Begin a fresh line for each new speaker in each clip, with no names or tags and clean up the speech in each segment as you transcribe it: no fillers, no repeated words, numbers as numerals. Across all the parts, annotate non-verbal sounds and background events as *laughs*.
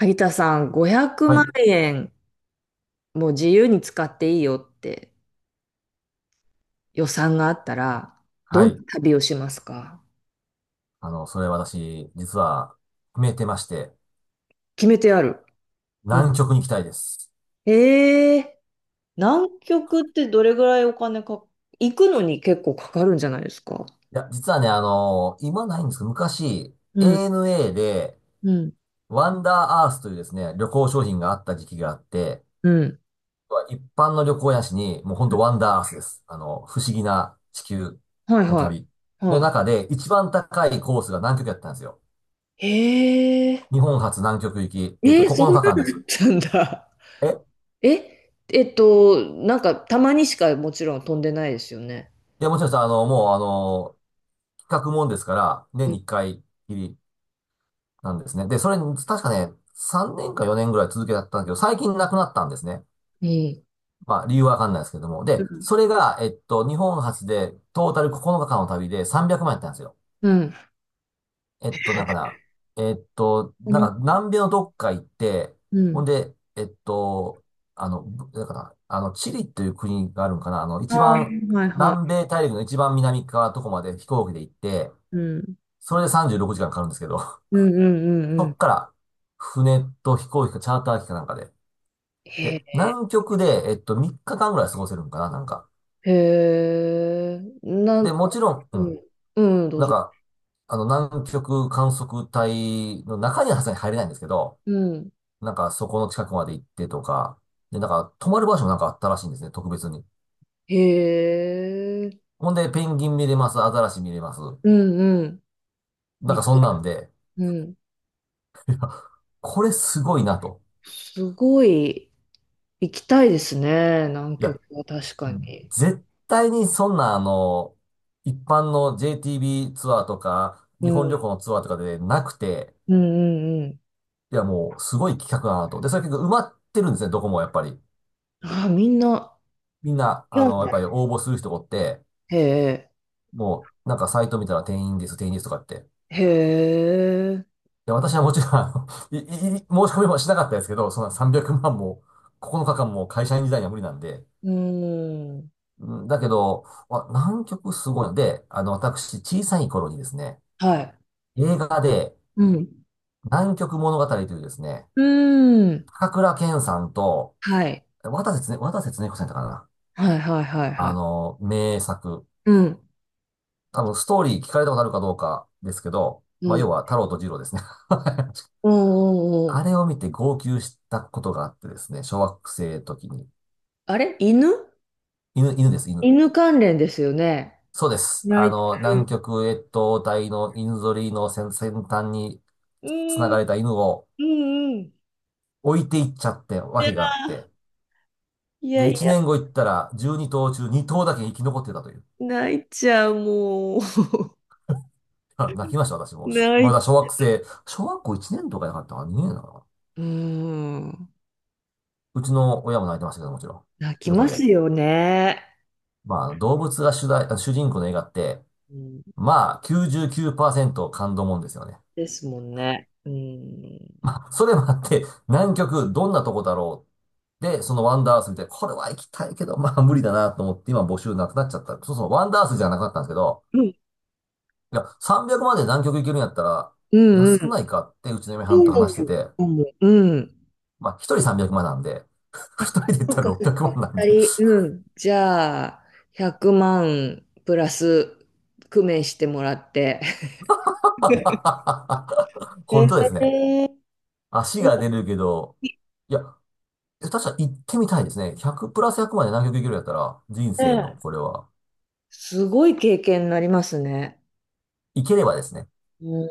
萩田さん、500
は
万
い。
円もう自由に使っていいよって予算があったら、ど
は
ん
い。
な旅をしますか？
それ私、実は、決めてまして、
決めてある。うん。
南極に行きたいです。
えー、南極ってどれぐらいお金か、行くのに結構かかるんじゃないですか？
いや、実はね、今ないんですけど、昔、
うん、
ANA で、
うん、
ワンダーアースというですね、旅行商品があった時期があって、
うん。
一般の旅行やしに、もうほんとワンダーアースです。不思議な地球
はい
の
は
旅
い。
の
は
中で、一番高いコースが南極やったんですよ。
い。え
日本初南極行き、
ー、えー、そ
9
んなのあ
日間
っ
です。
たんだ。
え
なんかたまにしかもちろん飛んでないですよね。
いや、もちろんさ、あの、もう、あの、企画もんですから、
う
年
ん。
に1回きり、なんですね。で、それ、確かね、3年か4年ぐらい続けたんだけど、最近亡くなったんですね。
うん。
まあ、理由はわかんないですけども。で、それが、日本初で、トータル9日間の旅で300万円やったんですよ。
う
えっと、なんかな、えっと、なんか、
ん。
南米のどっか行って、
う
ほん
ん。
で、えっと、あの、ぶなんかな、あの、チリっていう国があるんかな、
あ
一
あ、
番、
はいは
南米大陸の一番南側のとこまで飛行機で行って、
い。うん。
それで36時間かんかかるんですけど、
うんうんう
*laughs* そ
んう
っ
ん。
から、船と飛行機かチャーター機かなんかで、
へ
で、
え。
南極で、3日間ぐらい過ごせるんかな、なんか。
へえ、なん
で、
か、
もちろん、う
うん、
ん。
うん、どう
なん
ぞ。
か、南極観測隊の中にはさすがに入れないんですけど、
うん。
なんか、そこの近くまで行ってとか、で、なんか、泊まる場所もなんかあったらしいんですね、特別に。
へえ、
ほんで、ペンギン見れます、アザラシ見れます。
うんうん。
なん
み
か、そ
たい。
んなんで、
うん。
これすごいなと。
すごい行きたいですね、南
い
極
や、
は確かに。
絶対にそんな、一般の JTB ツアーとか、
う
日本
ん、
旅行のツアーとかでなくて、
うんうんうん。
いや、もう、すごい企画だなと。で、それ結構埋まってるんですね、どこもやっぱり。
ああ、みんな、
みんな、
なん
やっ
だ。
ぱり応募する人がおって、
へえ、
もう、なんかサイト見たら定員です、定員ですとかって。
へえ、
いや、私はもちろん、あの、い、い、い申し込みもしなかったですけど、そんな300万も、9日間も会社員時代には無理なんで。
うん。
うんだけど、あ、南極すごいので、私、小さい頃にですね、
はい。
映画で、
うん。
南極物語というですね、
うん。
高倉健さんと、
はい。
渡瀬恒子さんだったかな。
はいはいはいはい。
名作。
うん。
多分ストーリー聞かれたことあるかどうかですけど、
う
まあ
ん、
要は太郎と二郎ですね。*laughs*
うんうんうん。
あれを見て号泣したことがあってですね、小学生の時に。
あれ、犬
犬。
犬関連ですよね。
そうです。
泣いて
南
る。
極越冬隊の犬ぞりの先端に
う
繋
ん、
がれた犬を
うんうん。
置いていっちゃってわけがあって。
いや
で、
いや、
1年後行ったら12頭中2頭だけ生き残ってたという。
泣いちゃう、もう。*laughs*
あ泣きました、私も。し
泣
ま
い、
だ小学生、小学校1年とかじゃなかったかな、年だかな、
うん。
うちの親も泣いてましたけど、もちろん。
泣き
横
ま
で。
すよね。
まあ、動物が主題、あ主人公の映画って、
うん、
まあ、99%感動もんですよね。*laughs*
ですもんね。うん。
まあ、それもあって、南極どんなとこだろう。で、そのワンダース見て、これは行きたいけど、まあ無理だなと思って、今募集なくなっちゃった。そうそう、ワンダースじゃなくなったんですけど、
うん
いや、300まで南極行けるんやったら、
うんう
安くない
ん。
かってうちの嫁はんと話してて、
うんうん。
まあ、一人300万なんで、
あ、
二人で行っ
そ
た
っ
ら
かそっ
600
か。
万なんで
二人。う
*laughs*
ん。じゃあ、100万プラス工面してもらって。*laughs* え
本当ですね。
え
足が出るけど、いや、え確か行ってみたいですね。100プラス100まで南極行けるんやったら、人生の
ね、
これは、
すごい経験になりますね。
行ければですね。
うん。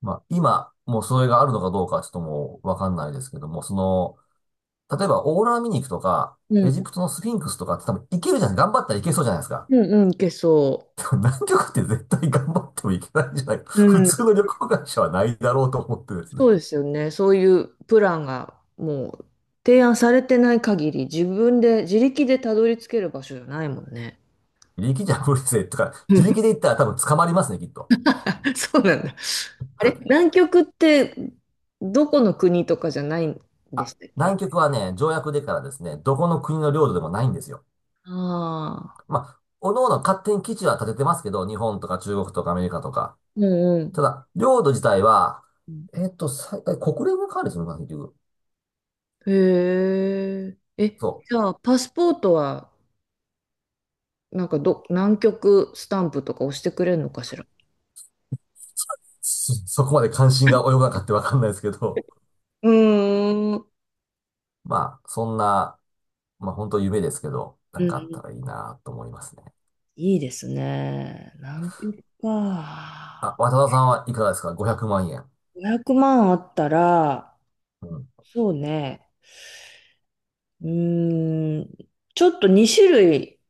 まあ、今、もうそれがあるのかどうかちょっともうわかんないですけども、その、例えばオーロラ見に行くとか、
う
エ
ん、
ジプトのスフィンクスとかって多分行けるじゃない頑張ったら行けそうじゃないですか。
うん、うん、いけそ
でも南極って絶対頑張っても行けないんじゃないか
う。う
普
ん、
通の旅行会社はないだろうと思ってですね。
そうですよね。そういうプランがもう提案されてない限り、自分で自力でたどり着ける場所じゃないもんね。
自力じゃ無理ぜとか、自力で行ったら多分捕まりますね、きっと。
*laughs* そうなんだ。あれ、南極ってどこの国とかじゃないんでしたっけ？
南極はね、条約でからですね、どこの国の領土でもないんですよ。
あ
まあ、おのおの勝手に基地は建ててますけど、日本とか中国とかアメリカとか。
あー、う
た
ん
だ、領土自体は、
うん。
最大国連が管理するのかな、結局。
へえ。え、
そう。
じゃあ、パスポートはなんか、南極スタンプとか押してくれるのかしら？
*laughs* そそこまで関心が及ばなかったわかんないですけど。
うーん。
*laughs* まあ、そんな、まあ本当夢ですけど、な
う
ん
ん、
かあったらいいなと思いますね。
いいですね。南極
あ、
か。
渡田さんはいかがですか？ 500 万円。
500万あったら、
うん。
そうね。うーん、ちょっと2種類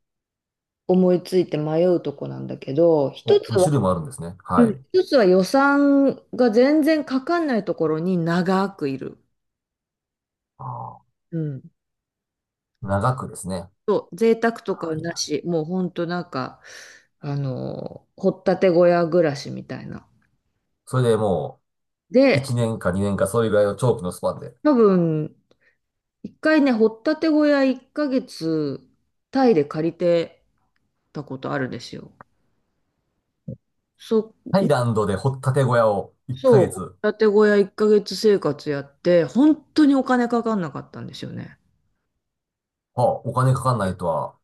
思いついて迷うとこなんだけど、一
お、
つは、
2種類もあるんですね。
う
は
ん。
い。
一つは予算が全然かかんないところに長くいる。
あ
うん。
ー長くですね。
そう、贅沢とかは
はい。
なし、もうほんとなんか、掘ったて小屋暮らしみたいな。
それでもう、1
で、
年か2年かそういうぐらいの長期のスパンで。
多分、一回ね、掘ったて小屋1ヶ月、タイで借りてたことあるんですよ。そ、
タイランドで掘ったて小屋を1
そう、
ヶ
掘っ
月。
たて小屋1ヶ月生活やって、本当にお金かかんなかったんですよね。
はあ、お金かかんないとは。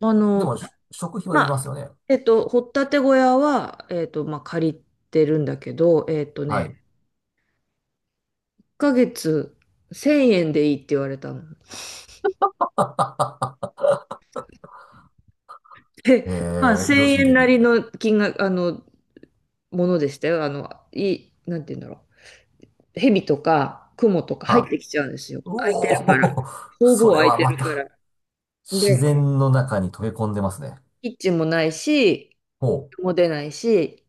あ
でも、
の、
し食費はいり
ま
ます
あ、
よね。
掘ったて小屋は、まあ、借りてるんだけど、
はい。
1ヶ月1000円でいいって言われたの。
*laughs*
え、
え
*laughs* まあ、
ー、良
1000
心
円な
的。
りの金額、ものでしたよ。なんて言うんだろう。蛇とか、クモとか入っ
は
て
あ。
きちゃうんですよ。
う
空いてるから。
おー、*laughs*
ほ
そ
ぼ
れ
空い
は
て
ま
るか
た、
ら。
自
で、
然の中に溶け込んでますね。
キッチンもないし、
ほ
人も出ないし、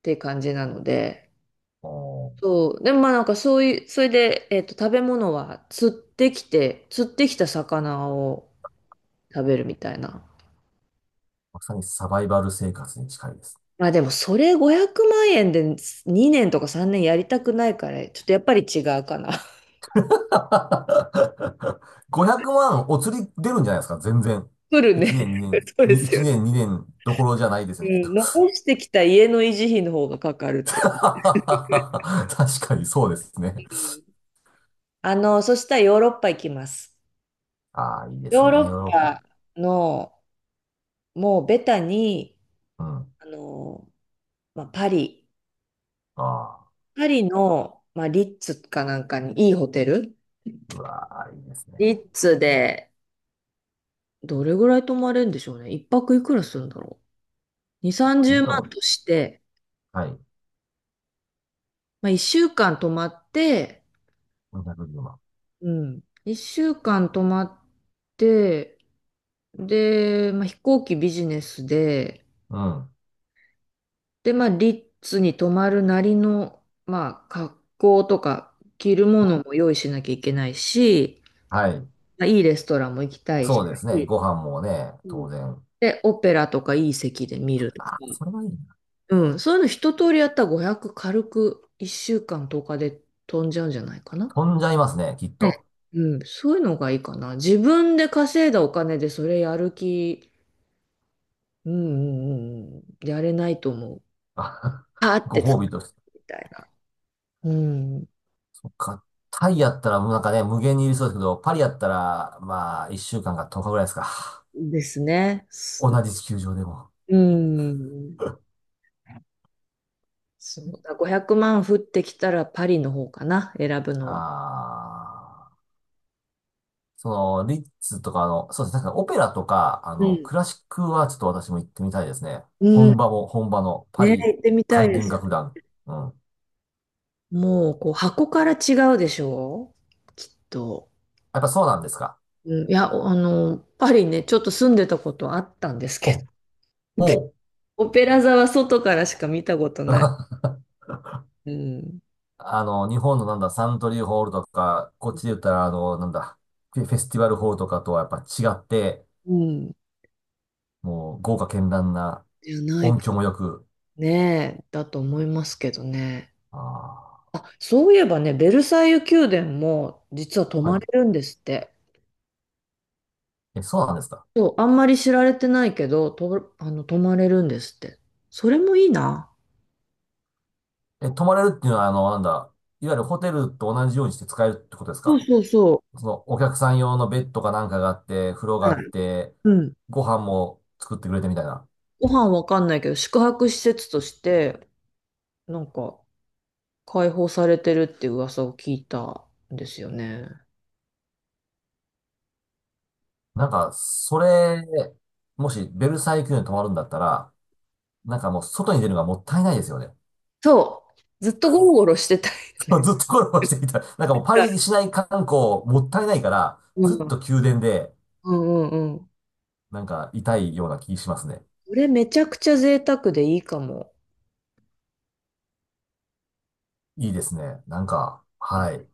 って感じなので。
う。おー、
そう。でもまあなんかそういう、それで、食べ物は釣ってきて、釣ってきた魚を食べるみたいな。
まさにサバイバル生活に近いです。
まあでもそれ500万円で2年とか3年やりたくないから、ちょっとやっぱり違うかな。
*laughs* 500万お釣り出るんじゃないですか、全然。
来る
1
ね。
年、2
*laughs*
年、
そうで
に
す
1
よね。
年、2年どころじゃないです
う
ね、きっと。
ん、
*laughs*
残してきた家の維持費の方がかかるって
確かにそうですね。
いう。うん。そしたらヨーロッパ行きます。
ああ、いいです
ヨー
ね。ヨ
ロ
ー
ッ
ロッパ。
パの、もうベタに、
うん。
あの、まあ、パリ、
ああ、
パリの、まあ、リッツかなんかにいいホテル、
うわあ、いいです
リ
ね。
ッツで、どれぐらい泊まれるんでしょうね。一泊いくらするんだろう。2、30
本当
万
も、
として、
はい。
まあ、1週間泊まって、
510万。
うん。1週間泊まって、で、まあ、飛行機ビジネスで、
うん。
で、まあ、リッツに泊まるなりの、まあ、格好とか着るものも用意しなきゃいけないし、
はい。
まあ、いいレストランも行きたいし、
そうですね。ご飯もね、
う
当
ん。
然。
で、オペラとかいい席で見るとか、
ああ、それはいいな。
うん、そういうの一通りやったら500軽く1週間とおかで飛んじゃうんじゃないかな。
飛んじゃいますね、きっ
ね。
と。
うん、そういうのがいいかな。自分で稼いだお金でそれやる気、うんうんうんうん、やれないと思う。
あ *laughs*
パーって
ご
使
褒美として。
うみたいな。うん、
そっか。タイやったら、もうなんかね、無限にいるそうですけど、パリやったら、まあ、1週間か10日ぐらいですか。
ですね。
同じ地球上でも。
うん。そう。だ500万降ってきたらパリの方かな、選ぶのは。
ああ。その、リッツとかの、そうですね、確かにオペラとか、
うん。
クラシックはちょっと私も行ってみたいですね。
うん。
本場も、本場のパ
ね、
リ
行ってみたい
管
で
弦
すよね。
楽団。うん。
もう、こう、箱から違うでしょうきっと。
やっぱそうなんですか。
うん、いや、パリね、ちょっと住んでたことあったんですけど。
お、ほ
オペラ座は外からしか見たこと
う。
ない。
*laughs*
うん。
日本のなんだ、サントリーホールとか、こっちで言ったら、あの、なんだ、フェフェスティバルホールとかとはやっぱ違って、
うん。
もう豪華絢爛な
じゃない
音
か
響も良く、
ね。だと思いますけどね。
ああ、
あ、そういえばね、ベルサイユ宮殿も実は泊
は
ま
い。
れるんですって。
え、そうなんですか。
そう、あんまり知られてないけど、と、あの、泊まれるんですって。それもいいな。
え、泊まれるっていうのは、あの、なんだ、いわゆるホテルと同じようにして使えるってことです
そう
か？
そうそ
そのお客さん用のベッドかなんかがあって、風呂が
う。
あ
は
っ
い。
て、
うん。
ご飯も作ってくれてみたいな。
ご飯わかんないけど、宿泊施設として、なんか、開放されてるっていう噂を聞いたんですよね。
なんか、それ、もしベルサイユ宮殿に泊まるんだったら、なんかもう外に出るのがもったいないですよね。
そう。ずっとゴロゴロしてたい
*laughs*
ね。
ずっとコラボしていた。なんかもうパリ
*laughs*
市内観光もったいないから、
う
ずっ
ん。
と宮殿で、
うんうんうん。
なんかいたいような気しますね。
これめちゃくちゃ贅沢でいいかも。
いいですね。なんか、はい。